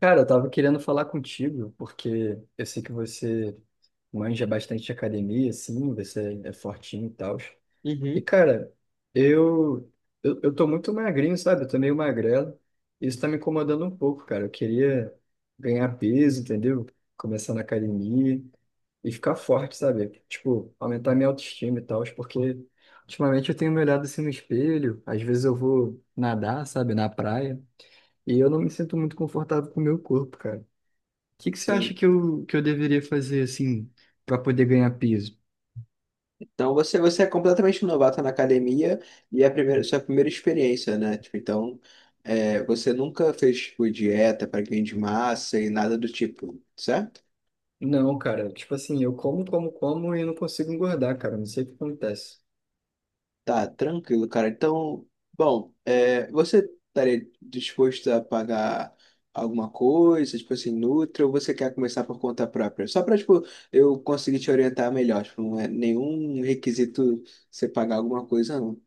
Cara, eu tava querendo falar contigo, porque eu sei que você manja bastante de academia, assim, você é fortinho e tal. E, Uhum. cara, eu, eu tô muito magrinho, sabe? Eu tô meio magrelo. Isso tá me incomodando um pouco, cara. Eu queria ganhar peso, entendeu? Começar na academia e ficar forte, sabe? Tipo, aumentar minha autoestima e tal, porque ultimamente eu tenho me olhado assim no espelho, às vezes eu vou nadar, sabe, na praia, e eu não me sinto muito confortável com o meu corpo, cara. O que que você acha Sim. que eu deveria fazer, assim, para poder ganhar peso? Então você é completamente novato na academia e é sua primeira experiência, né? Tipo, então você nunca fez tipo, dieta para ganho de massa e nada do tipo, certo? Não, cara, tipo assim, eu como, como, como e não consigo engordar, cara, não sei o que acontece. Tá, tranquilo, cara. Então, bom, você estaria disposto a pagar alguma coisa, tipo assim, Nutri, ou você quer começar por conta própria? Só para, tipo, eu conseguir te orientar melhor. Tipo, não é nenhum requisito você pagar alguma coisa, não.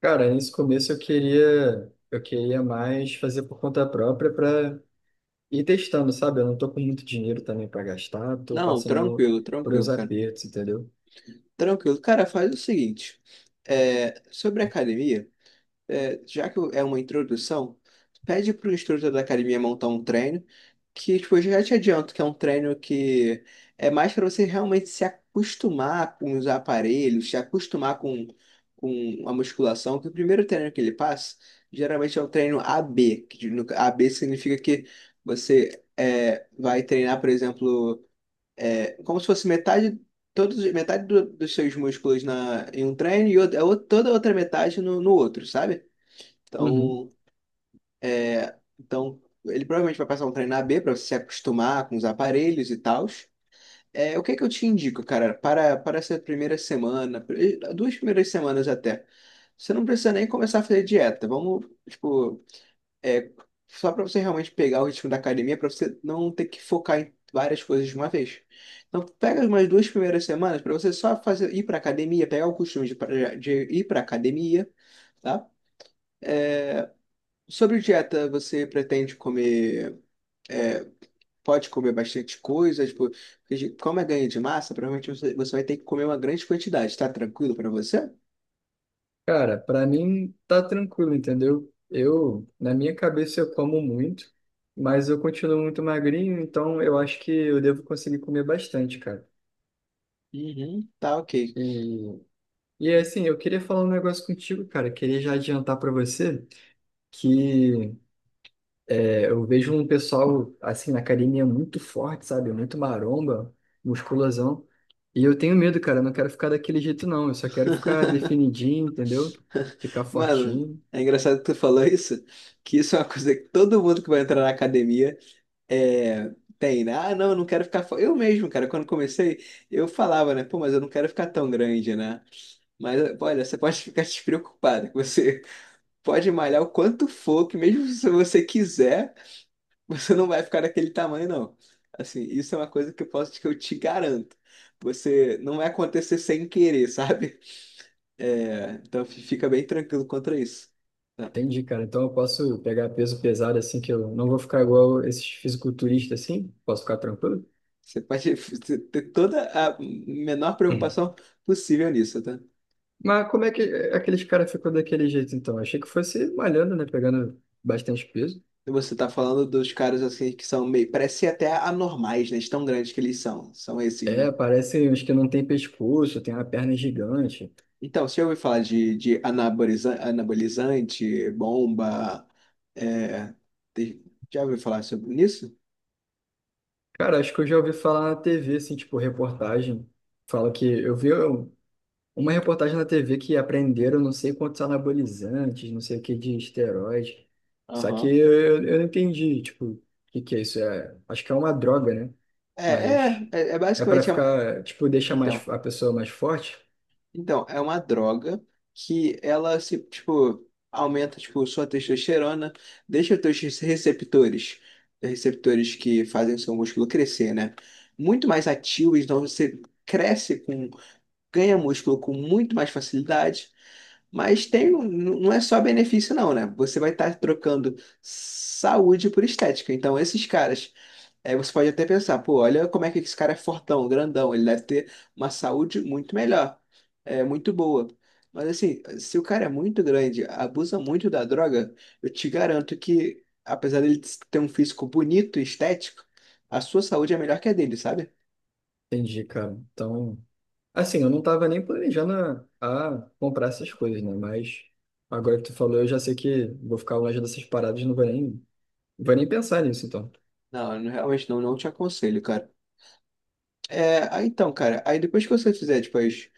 Cara, nesse começo eu queria mais fazer por conta própria para e testando, sabe? Eu não tô com muito dinheiro também para gastar, tô Não, passando tranquilo, por uns tranquilo, cara. apertos, entendeu? Tranquilo. Cara, faz o seguinte, sobre a academia, já que é uma introdução, pede pro instrutor da academia montar um treino, que tipo, eu já te adianto que é um treino que é mais para você realmente se acostumar com os aparelhos, se acostumar com a musculação, que o primeiro treino que ele passa, geralmente é o treino AB, que AB significa que você vai treinar, por exemplo como se fosse metade, todos, metade dos seus músculos em um treino e toda a outra metade no outro, sabe? Uhum. Então, ele provavelmente vai passar um treino AB para você se acostumar com os aparelhos e tals. O que é que eu te indico, cara, para essa primeira semana, duas primeiras semanas até. Você não precisa nem começar a fazer dieta. Vamos, tipo, é só para você realmente pegar o ritmo da academia, para você não ter que focar em várias coisas de uma vez. Então, pega umas duas primeiras semanas para você só fazer ir para academia, pegar o costume de ir para academia, tá? Sobre dieta, você pretende comer, é, pode comer bastante coisa, tipo, porque como é ganho de massa, provavelmente você vai ter que comer uma grande quantidade. Tá tranquilo para você? Cara, para mim tá tranquilo, entendeu? Eu, na minha cabeça, eu como muito, mas eu continuo muito magrinho, então eu acho que eu devo conseguir comer bastante, cara. Uhum, tá ok. E, e assim, eu queria falar um negócio contigo, cara. Queria já adiantar para você que é, eu vejo um pessoal, assim, na academia muito forte, sabe? Muito maromba, musculosão. E eu tenho medo, cara. Eu não quero ficar daquele jeito, não. Eu só quero ficar definidinho, entendeu? Ficar Mano, fortinho. é engraçado que tu falou isso, que isso é uma coisa que todo mundo que vai entrar na academia é, tem, né? Ah, não, eu não quero ficar. Eu mesmo, cara, quando comecei, eu falava, né? Pô, mas eu não quero ficar tão grande, né? Mas olha, você pode ficar despreocupado, que você pode malhar o quanto for, que mesmo se você quiser, você não vai ficar daquele tamanho, não. Assim, isso é uma coisa que eu posso, que eu te garanto. Você não vai acontecer sem querer, sabe? É, então fica bem tranquilo contra isso, tá? Entendi, cara. Então eu posso pegar peso pesado, assim, que eu não vou ficar igual esses fisiculturistas, assim. Posso ficar tranquilo. Você pode ter toda a menor Hum. preocupação possível nisso, tá? Mas como é que é, aqueles caras ficam daquele jeito, então? Achei que fosse malhando, né? Pegando bastante peso. E você tá falando dos caras assim que são meio, parecem até anormais, né? De tão grandes que eles são. São esses, É, né? parece uns que não tem pescoço, tem uma perna gigante. Então, você já ouviu falar de anabolizante, bomba? é, te- já ouviu falar sobre isso? Cara, acho que eu já ouvi falar na TV, assim, tipo, reportagem. Fala que eu vi um- Uma reportagem na TV que apreenderam não sei quantos anabolizantes, não sei o que de esteroide. Só que Aham. eu não entendi, tipo, o que que é isso? É, acho que é uma droga, né? É, Mas é, é, é é para basicamente. Ficar, tipo, deixa mais então, a pessoa mais forte? então, é uma droga que ela se, tipo, aumenta, tipo, sua testosterona, deixa os teus receptores, receptores que fazem o seu músculo crescer, né, muito mais ativos. Então você cresce com, ganha músculo com muito mais facilidade. Mas tem, não é só benefício, não, né? Você vai estar trocando saúde por estética. Então, esses caras, você pode até pensar, pô, olha como é que esse cara é fortão, grandão, ele deve ter uma saúde muito melhor, é muito boa. Mas assim, se o cara é muito grande, abusa muito da droga, eu te garanto que, apesar dele ter um físico bonito e estético, a sua saúde é melhor que a dele, sabe? Entendi, cara. Então, assim, eu não tava nem planejando a comprar essas coisas, né? Mas agora que tu falou, eu já sei que vou ficar longe dessas paradas, não vou nem. Não vai nem pensar nisso, então. Não, eu realmente não, não te aconselho, cara. É, aí então, cara, aí depois que você fizer, depois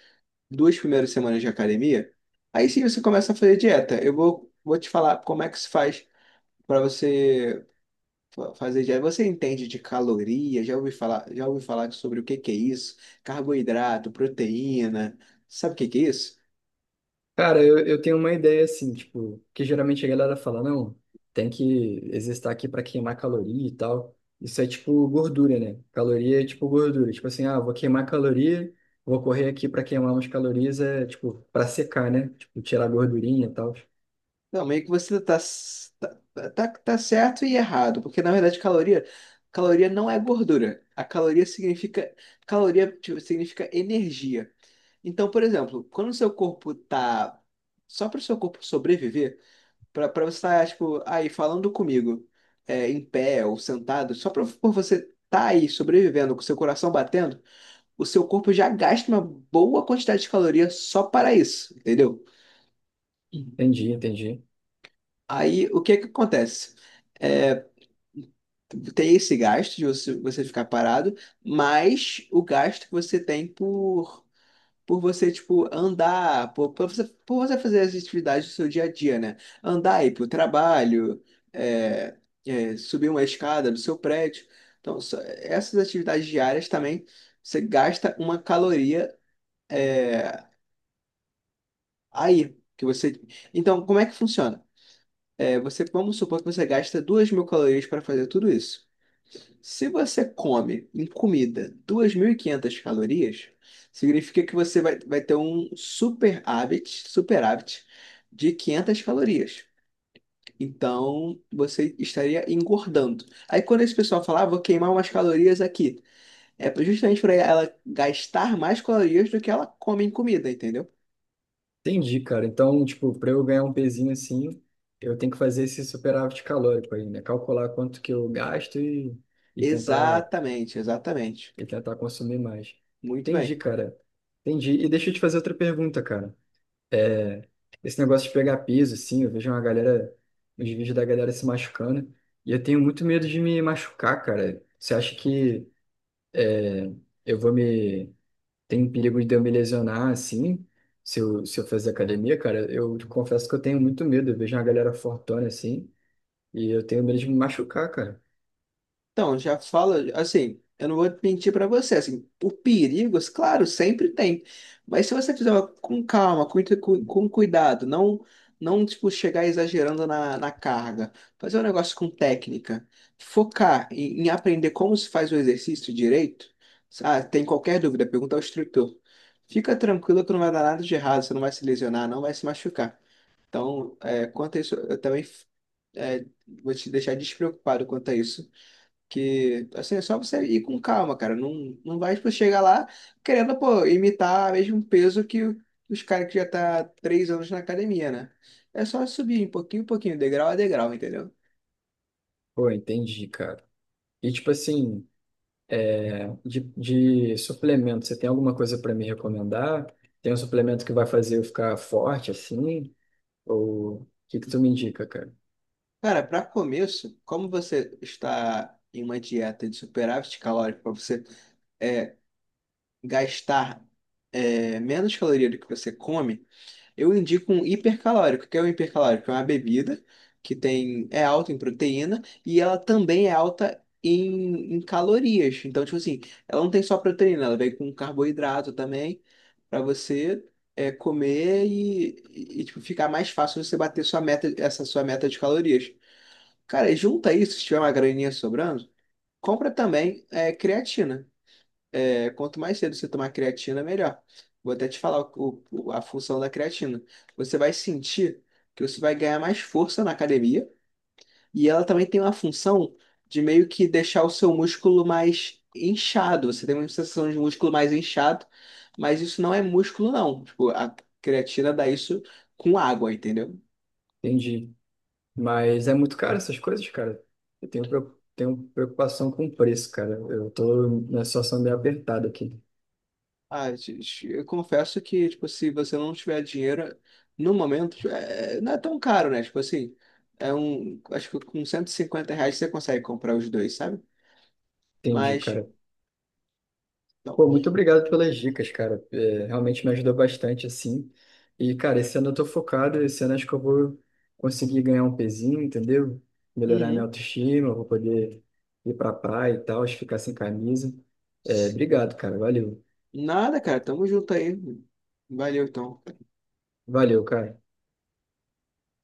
duas primeiras semanas de academia, aí sim você começa a fazer dieta. Eu vou te falar como é que se faz para você fazer dieta. Você entende de caloria? Já ouvi falar sobre o que que é isso? Carboidrato, proteína, sabe o que que é isso? Cara, eu tenho uma ideia assim, tipo, que geralmente a galera fala, não, tem que exercitar aqui para queimar caloria e tal. Isso é tipo gordura, né? Caloria é tipo gordura. Tipo assim, ah, vou queimar caloria, vou correr aqui para queimar umas calorias, é tipo, para secar, né? Tipo, tirar a gordurinha e tal. Não, meio que você tá certo e errado, porque na verdade caloria, caloria não é gordura. A caloria significa, caloria tipo, significa energia. Então, por exemplo, quando o seu corpo tá só para o seu corpo sobreviver, pra, pra você estar, tipo, aí falando comigo, em pé ou sentado, só pra, por você estar aí sobrevivendo, com seu coração batendo, o seu corpo já gasta uma boa quantidade de calorias só para isso, entendeu? Entendi, entendi. Aí, o que que acontece? É, tem esse gasto de você, você ficar parado, mais o gasto que você tem por você, tipo, andar, por você fazer as atividades do seu dia a dia, né? Andar, ir pro trabalho, é, subir uma escada do seu prédio. Então, essas atividades diárias também, você gasta uma caloria aí, que você. Então, como é que funciona? Você, vamos supor que você gasta 2.000 calorias para fazer tudo isso. Se você come em comida 2.500 calorias, significa que você vai ter um superávit, superávit de 500 calorias. Então, você estaria engordando. Aí, quando esse pessoal fala, ah, vou queimar umas calorias aqui, é justamente para ela gastar mais calorias do que ela come em comida, entendeu? Entendi, cara. Então, tipo, para eu ganhar um pezinho assim, eu tenho que fazer esse superávit calórico aí, né? Calcular quanto que eu gasto e, e tentar Exatamente, exatamente. e tentar consumir mais. Muito bem. Entendi, cara. Entendi. E deixa eu te fazer outra pergunta, cara. É, esse negócio de pegar peso, assim, eu vejo uma galera, os vídeos da galera se machucando, e eu tenho muito medo de me machucar, cara. Você acha que é, eu vou me... Tem perigo de eu me lesionar, assim, se eu fazer academia, cara? Eu confesso que eu tenho muito medo. Eu vejo uma galera fortona, assim, e eu tenho medo de me machucar, cara. Então, já fala, assim, eu não vou mentir pra você, assim, o perigos, claro, sempre tem, mas se você fizer com calma, com cuidado, não, não, tipo, chegar exagerando na carga, fazer um negócio com técnica, focar em aprender como se faz o exercício direito, ah, tem qualquer dúvida, pergunta ao instrutor. Fica tranquilo que não vai dar nada de errado, você não vai se lesionar, não vai se machucar. Então, é, quanto a isso, eu também é, vou te deixar despreocupado quanto a isso. Que, assim, é só você ir com calma, cara. Não, não vai, tipo, chegar lá querendo, pô, imitar o mesmo peso que os caras que já tá 3 anos na academia, né? É só subir um pouquinho, degrau a degrau, entendeu? Pô, entendi, cara. E, tipo assim... de suplemento, você tem alguma coisa para me recomendar? Tem um suplemento que vai fazer eu ficar forte assim? Ou o que que tu me indica, cara? Cara, para começo, como você está em uma dieta de superávit calórico, para você é, gastar menos caloria do que você come, eu indico um hipercalórico. O que é um hipercalórico? É uma bebida que tem, é alta em proteína e ela também é alta em calorias. Então, tipo assim, ela não tem só proteína, ela vem com carboidrato também para você comer e, tipo, ficar mais fácil você bater sua meta, essa sua meta de calorias. Cara, e junta isso, se tiver uma graninha sobrando, compra também creatina. É, quanto mais cedo você tomar creatina, melhor. Vou até te falar a função da creatina. Você vai sentir que você vai ganhar mais força na academia e ela também tem uma função de meio que deixar o seu músculo mais inchado. Você tem uma sensação de músculo mais inchado, mas isso não é músculo, não. Tipo, a creatina dá isso com água, entendeu? Entendi. Mas é muito caro essas coisas, cara. Tenho preocupação com o preço, cara. Eu tô na situação meio apertada aqui. Ah, eu confesso que, tipo, se você não tiver dinheiro, no momento, tipo, não é tão caro, né? Tipo assim, é um, acho que com 150 reais você consegue comprar os dois, sabe? Entendi, Mas, cara. não. Pô, muito obrigado pelas dicas, cara. É, realmente me ajudou bastante, assim. E, cara, esse ano eu tô focado, esse ano acho que eu vou conseguir ganhar um pezinho, entendeu? Melhorar minha Uhum. autoestima, eu vou poder ir pra praia e tal, acho que ficar sem camisa. É, obrigado, cara. Valeu. Nada, cara, tamo junto aí. Valeu, então. Valeu, cara.